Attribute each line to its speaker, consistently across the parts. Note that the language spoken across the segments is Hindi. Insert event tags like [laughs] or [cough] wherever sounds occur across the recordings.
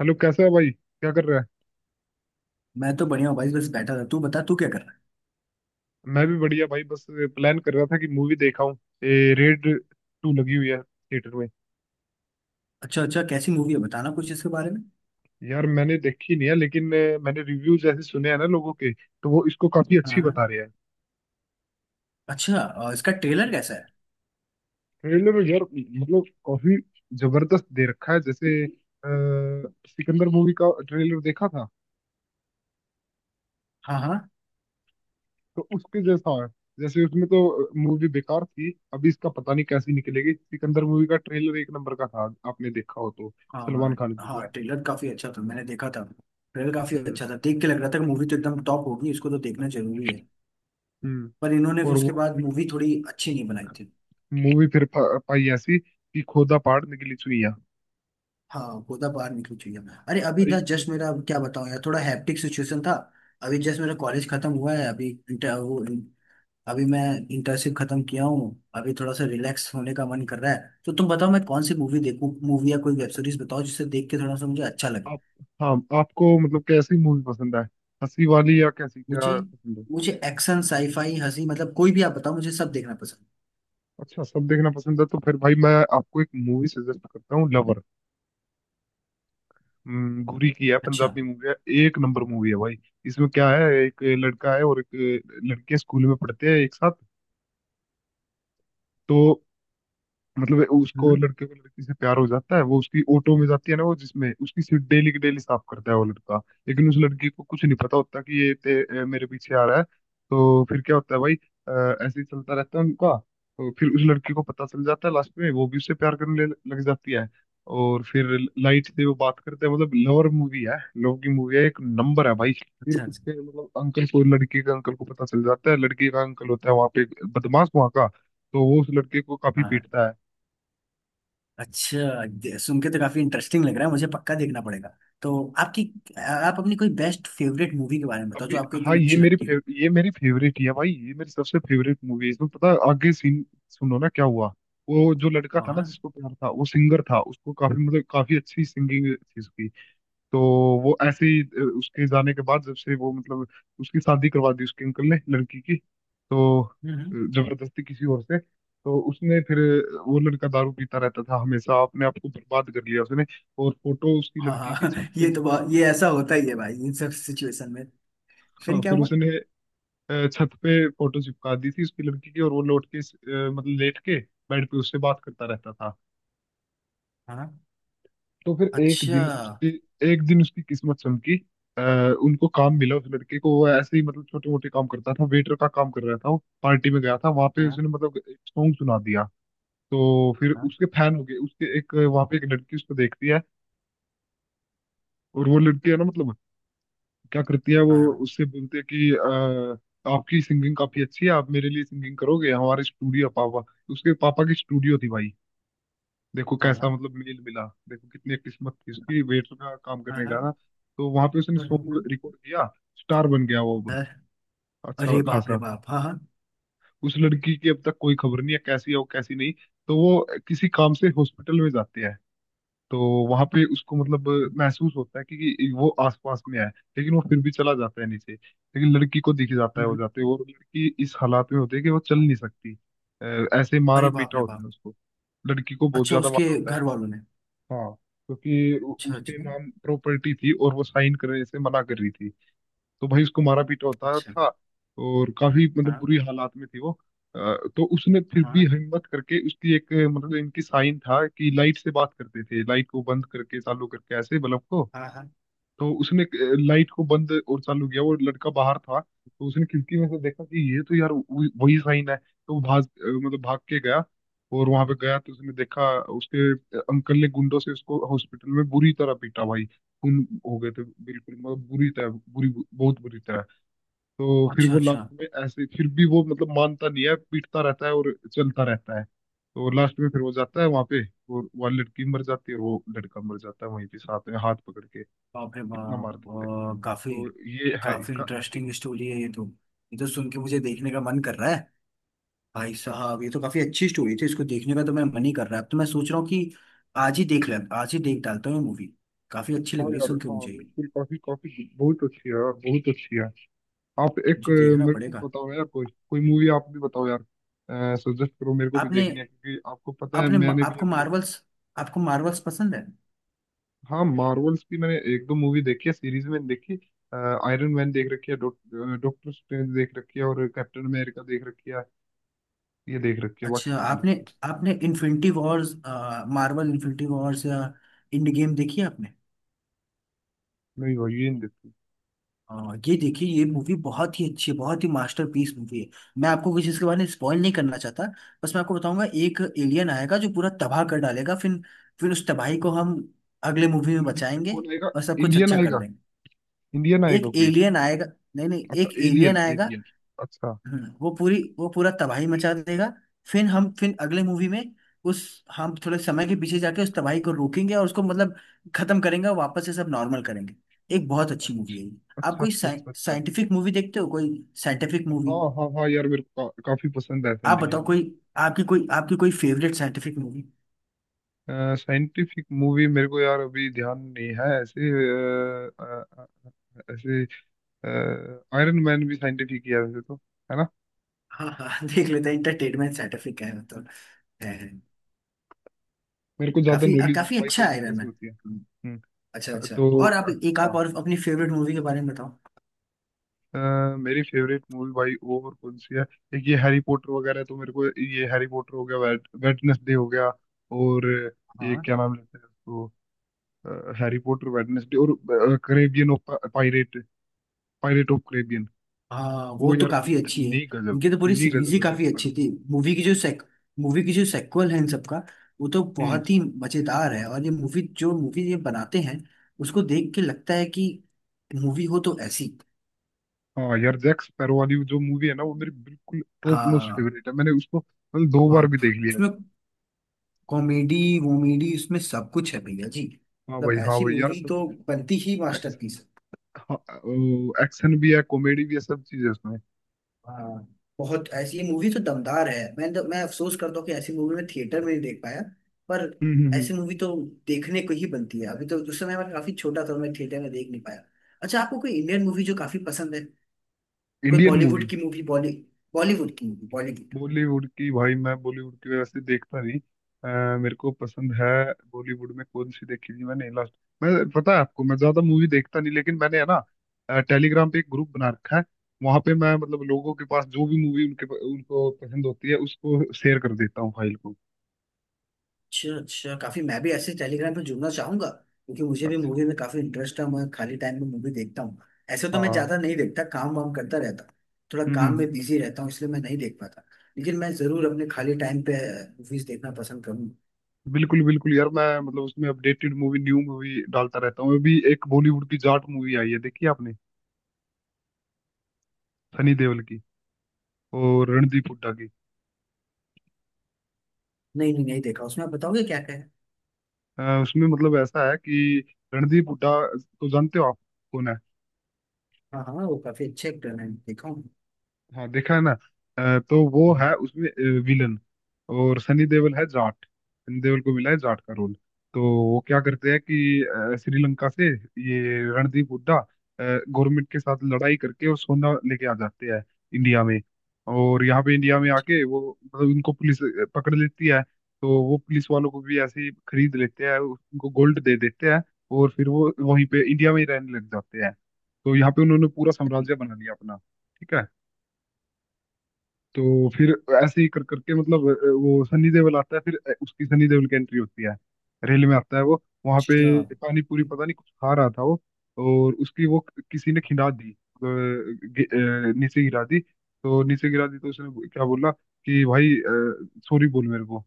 Speaker 1: हेलो कैसा है भाई, क्या कर रहा है।
Speaker 2: मैं तो बढ़िया हूँ भाई। बस बैठा था, तू बता तू क्या कर रहा है।
Speaker 1: मैं भी बढ़िया भाई, बस प्लान कर रहा था कि मूवी देखा हूँ। ये रेड टू लगी हुई है थिएटर में।
Speaker 2: अच्छा अच्छा, कैसी मूवी है बताना कुछ इसके बारे में।
Speaker 1: यार मैंने देखी नहीं है लेकिन मैंने रिव्यूज ऐसे सुने हैं ना लोगों के, तो वो इसको काफी अच्छी
Speaker 2: हाँ।
Speaker 1: बता रहे हैं।
Speaker 2: अच्छा, इसका ट्रेलर कैसा है।
Speaker 1: ट्रेलर यार मतलब काफी जबरदस्त दे रखा है, जैसे सिकंदर मूवी का ट्रेलर देखा था,
Speaker 2: हाँ हाँ।
Speaker 1: तो उसके जैसा है। जैसे उसमें तो मूवी बेकार थी, अभी इसका पता नहीं कैसी निकलेगी। सिकंदर मूवी का ट्रेलर एक नंबर का था, आपने देखा हो तो। सलमान
Speaker 2: हाँ
Speaker 1: खान की जो
Speaker 2: हाँ, ट्रेलर काफी अच्छा था मैंने देखा था। ट्रेलर काफी
Speaker 1: है।
Speaker 2: अच्छा था, देख के लग रहा था कि मूवी तो एकदम टॉप होगी, इसको तो देखना जरूरी है।
Speaker 1: हम्म।
Speaker 2: पर इन्होंने फिर
Speaker 1: और वो
Speaker 2: उसके बाद
Speaker 1: फिर
Speaker 2: मूवी थोड़ी अच्छी नहीं बनाई थी।
Speaker 1: मूवी फिर पाई ऐसी कि खोदा पहाड़ निकली चुइयां।
Speaker 2: हाँ, गोदा बाहर निकली चाहिए। अरे अभी था
Speaker 1: इतने
Speaker 2: जस्ट, मेरा क्या बताऊँ यार, थोड़ा हैप्टिक सिचुएशन था। अभी जस्ट मेरा कॉलेज खत्म हुआ है, अभी इंटर वो, अभी मैं इंटर्नशिप खत्म किया हूँ। अभी थोड़ा सा रिलैक्स होने का मन कर रहा है। तो तुम बताओ, मैं कौन सी मूवी देखूँ, मूवी या कोई वेब सीरीज बताओ जिसे देख के थोड़ा सा मुझे अच्छा लगे।
Speaker 1: आप। हाँ। आपको मतलब कैसी मूवी पसंद है, हंसी वाली या कैसी
Speaker 2: मुझे
Speaker 1: क्या पसंद है।
Speaker 2: मुझे एक्शन साईफाई हंसी, मतलब कोई भी आप बताओ, मुझे सब देखना पसंद
Speaker 1: अच्छा सब देखना पसंद है, तो फिर भाई मैं आपको एक मूवी सजेस्ट करता हूँ, लवर। घुरी की है,
Speaker 2: है। अच्छा।
Speaker 1: पंजाबी मूवी है। एक नंबर मूवी है भाई। इसमें क्या है, एक लड़का है और एक लड़की है, स्कूल में पढ़ते हैं एक साथ। तो मतलब उसको,
Speaker 2: हम्म।
Speaker 1: लड़के को लड़की से प्यार हो जाता है। वो उसकी ऑटो में जाती है ना, वो जिसमें उसकी सीट डेली की डेली साफ करता है वो लड़का। लेकिन उस लड़की को कुछ नहीं पता होता कि मेरे पीछे आ रहा है। तो फिर क्या होता है भाई, ऐसे ही चलता रहता है उनका। तो फिर उस लड़की को पता चल जाता है लास्ट में, वो भी उससे प्यार करने लग जाती है। और फिर लाइट से वो बात करते हैं, मतलब लवर मूवी है, लव की मूवी है, एक नंबर है भाई। फिर
Speaker 2: अच्छा अच्छा।
Speaker 1: उसके मतलब अंकल को, लड़की के अंकल को पता चल जाता है। लड़की का अंकल होता है वहां पे बदमाश वहां का, तो वो उस लड़के को काफी
Speaker 2: हाँ।
Speaker 1: पीटता है।
Speaker 2: अच्छा, सुन के तो काफी इंटरेस्टिंग लग रहा है, मुझे पक्का देखना पड़ेगा। तो आपकी आप अपनी कोई बेस्ट फेवरेट मूवी के बारे में बताओ जो
Speaker 1: अभी
Speaker 2: आपको
Speaker 1: हाँ,
Speaker 2: एकदम
Speaker 1: ये
Speaker 2: अच्छी लगती हो।
Speaker 1: ये मेरी फेवरेट ही है भाई, ये मेरी सबसे फेवरेट मूवी है। इसमें पता है आगे सीन, सुनो ना क्या हुआ। वो जो लड़का
Speaker 2: हाँ
Speaker 1: था ना
Speaker 2: हाँ।
Speaker 1: जिसको प्यार था, वो सिंगर था, उसको काफी मतलब काफी अच्छी सिंगिंग थी उसकी। तो वो ऐसे ही उसके जाने के बाद, जब से वो मतलब उसकी शादी करवा दी उसके अंकल ने लड़की की, तो
Speaker 2: हम्म हम्म।
Speaker 1: जबरदस्ती किसी और से, तो उसने फिर वो लड़का दारू पीता रहता था हमेशा, अपने आप को बर्बाद कर लिया उसने। और फोटो उसकी
Speaker 2: हाँ
Speaker 1: लड़की की
Speaker 2: हाँ।
Speaker 1: छत
Speaker 2: [laughs]
Speaker 1: पे
Speaker 2: ये तो
Speaker 1: चिपका।
Speaker 2: बहुत, ये ऐसा होता ही है भाई इन सब सिचुएशन में। फिर
Speaker 1: हाँ
Speaker 2: क्या
Speaker 1: फिर
Speaker 2: हुआ।
Speaker 1: उसने छत पे फोटो चिपका दी थी उसकी लड़की की, और वो लौट के मतलब लेट के बेड पे उससे बात करता रहता था।
Speaker 2: हाँ।
Speaker 1: तो फिर एक
Speaker 2: अच्छा।
Speaker 1: दिन उसकी, एक दिन उसकी किस्मत चमकी। अ, उनको काम मिला, उस लड़के को। वो ऐसे ही मतलब छोटे मोटे काम करता था, वेटर का काम कर रहा था, वो पार्टी में गया था वहां पे,
Speaker 2: हाँ
Speaker 1: उसने मतलब एक सॉन्ग सुना दिया। तो फिर
Speaker 2: हाँ।
Speaker 1: उसके फैन हो गए, उसके एक, वहां पे एक लड़की उसको देखती है। और वो लड़की है ना मतलब, क्या करती है वो,
Speaker 2: हाँ हाँ।
Speaker 1: उससे बोलते हैं कि आपकी सिंगिंग काफी अच्छी है, आप मेरे लिए सिंगिंग करोगे हमारे स्टूडियो, पापा, उसके पापा की स्टूडियो थी भाई। देखो
Speaker 2: हाँ
Speaker 1: कैसा
Speaker 2: हाँ।
Speaker 1: मतलब मेल मिला, देखो कितनी किस्मत थी उसकी, वेटर का काम
Speaker 2: हाँ,
Speaker 1: करने का
Speaker 2: हाँ।
Speaker 1: ना। तो वहां पे उसने सॉन्ग
Speaker 2: बिल्कुल।
Speaker 1: रिकॉर्ड किया, स्टार बन गया वो अब,
Speaker 2: हाँ।
Speaker 1: अच्छा
Speaker 2: अरे बाप रे
Speaker 1: खासा।
Speaker 2: बाप, हाँ हाँ।
Speaker 1: उस लड़की की अब तक कोई खबर नहीं है, कैसी है वो कैसी नहीं। तो वो किसी काम से हॉस्पिटल में जाते हैं, तो वहां पे उसको मतलब महसूस होता है कि वो आसपास में है। लेकिन वो फिर भी चला जाता है नीचे, लेकिन लड़की को दिख जाता है वो
Speaker 2: हम्म,
Speaker 1: जाते हुए, और लड़की इस हालात में होती है कि वो चल
Speaker 2: हम्म,
Speaker 1: नहीं सकती। अ, ऐसे मारा
Speaker 2: अरे बाप
Speaker 1: पीटा
Speaker 2: रे
Speaker 1: होता
Speaker 2: बाप।
Speaker 1: है उसको, लड़की को बहुत
Speaker 2: अच्छा
Speaker 1: ज्यादा
Speaker 2: उसके
Speaker 1: मारा होता है।
Speaker 2: घर वालों ने।
Speaker 1: हाँ, क्योंकि
Speaker 2: अच्छा अच्छा।
Speaker 1: उसके नाम प्रॉपर्टी थी और वो साइन करने से मना कर रही थी। तो भाई उसको मारा पीटा होता
Speaker 2: अच्छा।
Speaker 1: था, और काफी मतलब
Speaker 2: हाँ।
Speaker 1: बुरी हालात में थी वो। तो उसने फिर भी
Speaker 2: हाँ।
Speaker 1: हिम्मत करके, उसकी एक मतलब इनकी साइन था कि लाइट से बात करते थे, लाइट को बंद करके चालू करके ऐसे, बल्ब को।
Speaker 2: हाँ हाँ।
Speaker 1: तो उसने लाइट को बंद और चालू किया, वो लड़का बाहर था, तो उसने खिड़की में से देखा कि ये तो यार वही वही साइन है, तो वो मतलब भाग के गया। और वहां पे गया तो उसने देखा उसके अंकल ने गुंडों से उसको हॉस्पिटल में बुरी तरह पीटा भाई। खून हो गए थे बिल्कुल, मतलब बुरी तरह बुरी बहुत बुरी तरह। तो फिर
Speaker 2: अच्छा
Speaker 1: वो लास्ट
Speaker 2: अच्छा।
Speaker 1: में ऐसे, फिर भी वो मतलब मानता नहीं है, पीटता रहता है और चलता रहता है। तो लास्ट में फिर वो जाता है वहां पे, और वह लड़की मर जाती है और वो लड़का मर जाता है वहीं पे, साथ में हाथ पकड़ के।
Speaker 2: बाप रे
Speaker 1: इतना मार
Speaker 2: बाप।
Speaker 1: देते हैं।
Speaker 2: काफी।
Speaker 1: तो ये है
Speaker 2: काफी
Speaker 1: इसका एंडिंग।
Speaker 2: इंटरेस्टिंग स्टोरी है ये तो। ये तो सुन के मुझे देखने का मन कर रहा है। भाई साहब ये तो काफी अच्छी स्टोरी थी, इसको देखने का तो मैं मन ही कर रहा है। अब तो मैं सोच रहा हूँ कि आज ही देख ले, आज ही देख डालता हूँ मूवी। काफी अच्छी लग
Speaker 1: हाँ
Speaker 2: रही है
Speaker 1: यार,
Speaker 2: सुन के
Speaker 1: हाँ
Speaker 2: मुझे ये।
Speaker 1: बिल्कुल, काफी काफी बहुत अच्छी है यार, बहुत अच्छी है। आप एक
Speaker 2: मुझे देखना
Speaker 1: मेरे को
Speaker 2: पड़ेगा।
Speaker 1: बताओ यार, कोई कोई मूवी आप भी बताओ यार, सजेस्ट करो, मेरे को भी
Speaker 2: आपने
Speaker 1: देखनी है, क्योंकि आपको पता है
Speaker 2: आपने
Speaker 1: मैंने भी
Speaker 2: आपको
Speaker 1: अभी।
Speaker 2: मार्वल्स पसंद है।
Speaker 1: हाँ, मार्वल्स की मैंने एक दो मूवी देखी है, सीरीज में देखी। आयरन मैन देख रखी है, डॉक्टर स्ट्रेंज देख रखी है, और कैप्टन अमेरिका देख रखी है, ये देख रखी है, बाकी
Speaker 2: अच्छा
Speaker 1: तो नहीं
Speaker 2: आपने
Speaker 1: देखी।
Speaker 2: आपने infinity wars Marvel infinity wars या इंड गेम देखी है आपने।
Speaker 1: नहीं भाई, ये नहीं देखी।
Speaker 2: हाँ, ये देखिए, ये मूवी बहुत ही अच्छी है, बहुत ही मास्टरपीस मूवी है। मैं आपको कुछ इसके बारे में स्पॉइल नहीं करना चाहता। बस मैं आपको बताऊंगा, एक एलियन आएगा जो पूरा तबाह कर डालेगा, फिर उस तबाही को
Speaker 1: कौन।
Speaker 2: हम अगले मूवी में
Speaker 1: इंडि-
Speaker 2: बचाएंगे
Speaker 1: कौन आएगा।
Speaker 2: और सब कुछ
Speaker 1: इंडियन
Speaker 2: अच्छा कर
Speaker 1: आएगा,
Speaker 2: देंगे।
Speaker 1: इंडियन
Speaker 2: एक
Speaker 1: आएगा कोई।
Speaker 2: एलियन आएगा। नहीं नहीं,
Speaker 1: अच्छा,
Speaker 2: एक
Speaker 1: एलियन
Speaker 2: एलियन आएगा।
Speaker 1: एलियन, अच्छा
Speaker 2: वो पूरा तबाही मचा देगा। फिर हम फिर अगले मूवी में उस हम थोड़े समय के पीछे जाके उस तबाही को रोकेंगे और उसको मतलब खत्म करेंगे और वापस से सब नॉर्मल करेंगे। एक बहुत अच्छी मूवी है ये। आप
Speaker 1: अच्छा।
Speaker 2: कोई
Speaker 1: अच्छा अच्छा, अच्छा
Speaker 2: साइंटिफिक मूवी देखते हो, कोई साइंटिफिक मूवी।
Speaker 1: हाँ हाँ हाँ यार, मेरे को काफी पसंद है
Speaker 2: आप
Speaker 1: साइंटिफिक
Speaker 2: बताओ कोई,
Speaker 1: मूवी।
Speaker 2: आपकी कोई favourite scientific movie.
Speaker 1: Scientific movie मेरे को यार अभी ध्यान नहीं है ऐसे, ऐसे आयरन मैन भी साइंटिफिक ही है वैसे तो, है ना।
Speaker 2: हाँ हाँ। [laughs] देख लेते हैं, इंटरटेनमेंट साइंटिफिक है मतलब। है है।
Speaker 1: मेरे को ज्यादा नॉलेज नहीं है
Speaker 2: काफी
Speaker 1: भाई,
Speaker 2: अच्छा है
Speaker 1: कौन सी
Speaker 2: आयरन
Speaker 1: कैसे होती है।
Speaker 2: मैन।
Speaker 1: हम्म।
Speaker 2: अच्छा अच्छा।
Speaker 1: तो
Speaker 2: और आप
Speaker 1: हाँ,
Speaker 2: और अपनी फेवरेट मूवी के बारे में बताओ।
Speaker 1: मेरी फेवरेट मूवी भाई वो और कौन सी है, एक ये हैरी पॉटर वगैरह, तो मेरे को ये हैरी पॉटर हो गया, वेटनेसडे हो गया, और ये
Speaker 2: हाँ
Speaker 1: क्या नाम लेते हैं उसको, हैरी पॉटर, वेटनेसडे, और Caribbean of pirate, pirate of Caribbean.
Speaker 2: हाँ वो
Speaker 1: वो
Speaker 2: तो
Speaker 1: यार
Speaker 2: काफी अच्छी है।
Speaker 1: इतनी गजब,
Speaker 2: इनकी तो पूरी
Speaker 1: इतनी
Speaker 2: सीरीज
Speaker 1: गजब
Speaker 2: ही
Speaker 1: है जैक
Speaker 2: काफी अच्छी
Speaker 1: स्पैरो।
Speaker 2: थी, मूवी की जो सेक्वल है इन सबका वो तो
Speaker 1: हम्म।
Speaker 2: बहुत ही मजेदार है। और ये मूवी जो मूवी ये बनाते हैं उसको देख के लगता है कि मूवी हो तो ऐसी।
Speaker 1: हाँ यार, जैक स्पैरो वाली जो मूवी है ना, वो मेरी बिल्कुल टॉप नॉच
Speaker 2: हाँ।
Speaker 1: फेवरेट है, मैंने उसको मतलब दो बार
Speaker 2: बहुत।
Speaker 1: भी देख लिया है।
Speaker 2: उसमें कॉमेडी वोमेडी, उसमें सब कुछ है भैया जी।
Speaker 1: हाँ
Speaker 2: मतलब
Speaker 1: भाई, हाँ
Speaker 2: ऐसी
Speaker 1: भाई यार।
Speaker 2: मूवी तो बनती ही
Speaker 1: सब
Speaker 2: मास्टरपीस।
Speaker 1: हाँ, वो एक्शन भी है, कॉमेडी भी है, सब चीज है उसमें।
Speaker 2: हाँ बहुत, ऐसी मूवी तो दमदार है। मैं अफसोस करता हूँ कि ऐसी मूवी मैं थिएटर में नहीं देख पाया। पर
Speaker 1: हम्म।
Speaker 2: ऐसी मूवी तो देखने को ही बनती है, अभी तो उस समय मैं काफी छोटा था और मैं थिएटर में देख नहीं पाया। अच्छा, आपको कोई इंडियन मूवी जो काफी पसंद है, कोई
Speaker 1: इंडियन
Speaker 2: बॉलीवुड
Speaker 1: मूवी।
Speaker 2: की मूवी बॉली बॉलीवुड की मूवी बॉलीवुड।
Speaker 1: बॉलीवुड की भाई, मैं बॉलीवुड की वैसे देखता नहीं। मेरे को पसंद है बॉलीवुड में कौन सी देखी थी मैंने लास्ट। मैं पता है आपको मैं ज्यादा मूवी देखता नहीं, लेकिन मैंने है ना टेलीग्राम पे एक ग्रुप बना रखा है, वहां पे मैं मतलब लोगों के पास जो भी मूवी उनके, उनको पसंद होती है उसको शेयर कर देता हूँ, फाइल को।
Speaker 2: अच्छा अच्छा, काफी मैं भी ऐसे टेलीग्राम पे जुड़ना चाहूंगा क्योंकि मुझे भी
Speaker 1: अच्छा।
Speaker 2: मूवी में काफी इंटरेस्ट है, मैं खाली टाइम में मूवी देखता हूँ। ऐसे तो मैं
Speaker 1: हाँ।
Speaker 2: ज्यादा नहीं देखता, काम वाम करता रहता हूँ। थोड़ा काम
Speaker 1: हम्म।
Speaker 2: में बिजी रहता हूँ इसलिए मैं नहीं देख पाता। लेकिन मैं जरूर अपने खाली टाइम पे मूवीज देखना पसंद करूंगा।
Speaker 1: बिल्कुल बिल्कुल यार, मैं मतलब उसमें अपडेटेड मूवी न्यू मूवी डालता रहता हूँ। अभी एक बॉलीवुड की जाट मूवी आई है, देखी आपने, सनी देओल की और रणदीप हुड्डा की।
Speaker 2: नहीं नहीं नहीं देखा, उसमें आप बताओगे क्या क्या है।
Speaker 1: उसमें मतलब ऐसा है कि रणदीप हुड्डा तो जानते हो आप कौन है।
Speaker 2: हाँ हाँ, वो काफी अच्छे एक्टर हैं, देखा हूँ।
Speaker 1: हाँ देखा है ना। तो वो है उसमें विलन, और सनी देओल है जाट, सनी देओल को मिला है जाट का रोल। तो वो क्या करते हैं कि श्रीलंका से ये रणदीप हुड्डा गवर्नमेंट के साथ लड़ाई करके और सोना लेके आ जाते हैं इंडिया में। और यहाँ पे इंडिया में आके, वो मतलब उनको पुलिस पकड़ लेती है, तो वो पुलिस वालों को भी ऐसे ही खरीद लेते हैं, उनको गोल्ड दे देते हैं। और फिर वो वहीं पे इंडिया में ही रहने लग जाते हैं। तो यहाँ पे उन्होंने पूरा साम्राज्य बना लिया अपना। ठीक है। तो फिर ऐसे ही कर करके मतलब वो सनी देओल आता है, फिर उसकी सनी देओल की एंट्री होती है। रेल में आता है वो वहां
Speaker 2: अच्छा।
Speaker 1: पे, पानी पूरी पता नहीं कुछ खा रहा था वो, और उसकी वो किसी ने खिंडा दी, नीचे गिरा दी। तो नीचे गिरा दी, तो उसने क्या बोला कि भाई, सॉरी बोल मेरे को।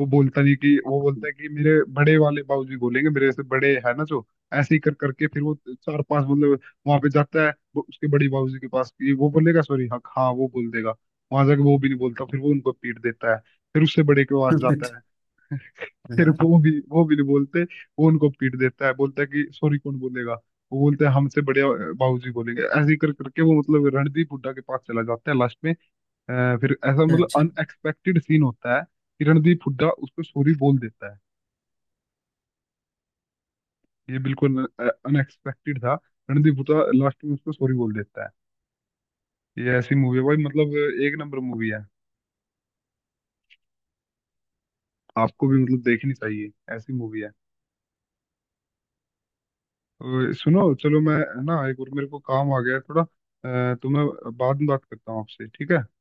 Speaker 1: वो बोलता नहीं, कि वो बोलता है कि मेरे बड़े वाले बाबूजी बोलेंगे, मेरे से बड़े है ना जो। ऐसे ही कर करके फिर वो चार पांच मतलब वहां पे जाता है, वो उसके बड़ी बाबूजी के पास, कि वो बोलेगा सॉरी, हाँ हाँ वो बोल देगा। वहां जाके वो भी नहीं बोलता, फिर वो उनको पीट देता है। फिर उससे बड़े के पास
Speaker 2: [laughs]
Speaker 1: जाता है। फिर
Speaker 2: हाँ।
Speaker 1: वो भी नहीं बोलते, वो उनको पीट देता है, बोलता है कि सॉरी कौन बोलेगा। वो बोलते हैं हमसे बड़े बाबूजी बोलेंगे। ऐसे ही कर करके वो मतलब रणदीप हुड्डा के पास चला जाता है लास्ट में। फिर ऐसा मतलब
Speaker 2: अच्छा।
Speaker 1: अनएक्सपेक्टेड सीन होता है कि रणदीप हुड्डा उसको सॉरी बोल देता है। ये बिल्कुल अनएक्सपेक्टेड था, रणदीप हुड्डा लास्ट में उसको सॉरी बोल देता है। ये ऐसी मूवी है भाई, मतलब एक नंबर मूवी है, आपको भी मतलब देखनी चाहिए, ऐसी मूवी है। और सुनो चलो मैं है ना, एक और मेरे को काम आ गया है थोड़ा, तो मैं बाद में बात करता हूँ आपसे, ठीक है।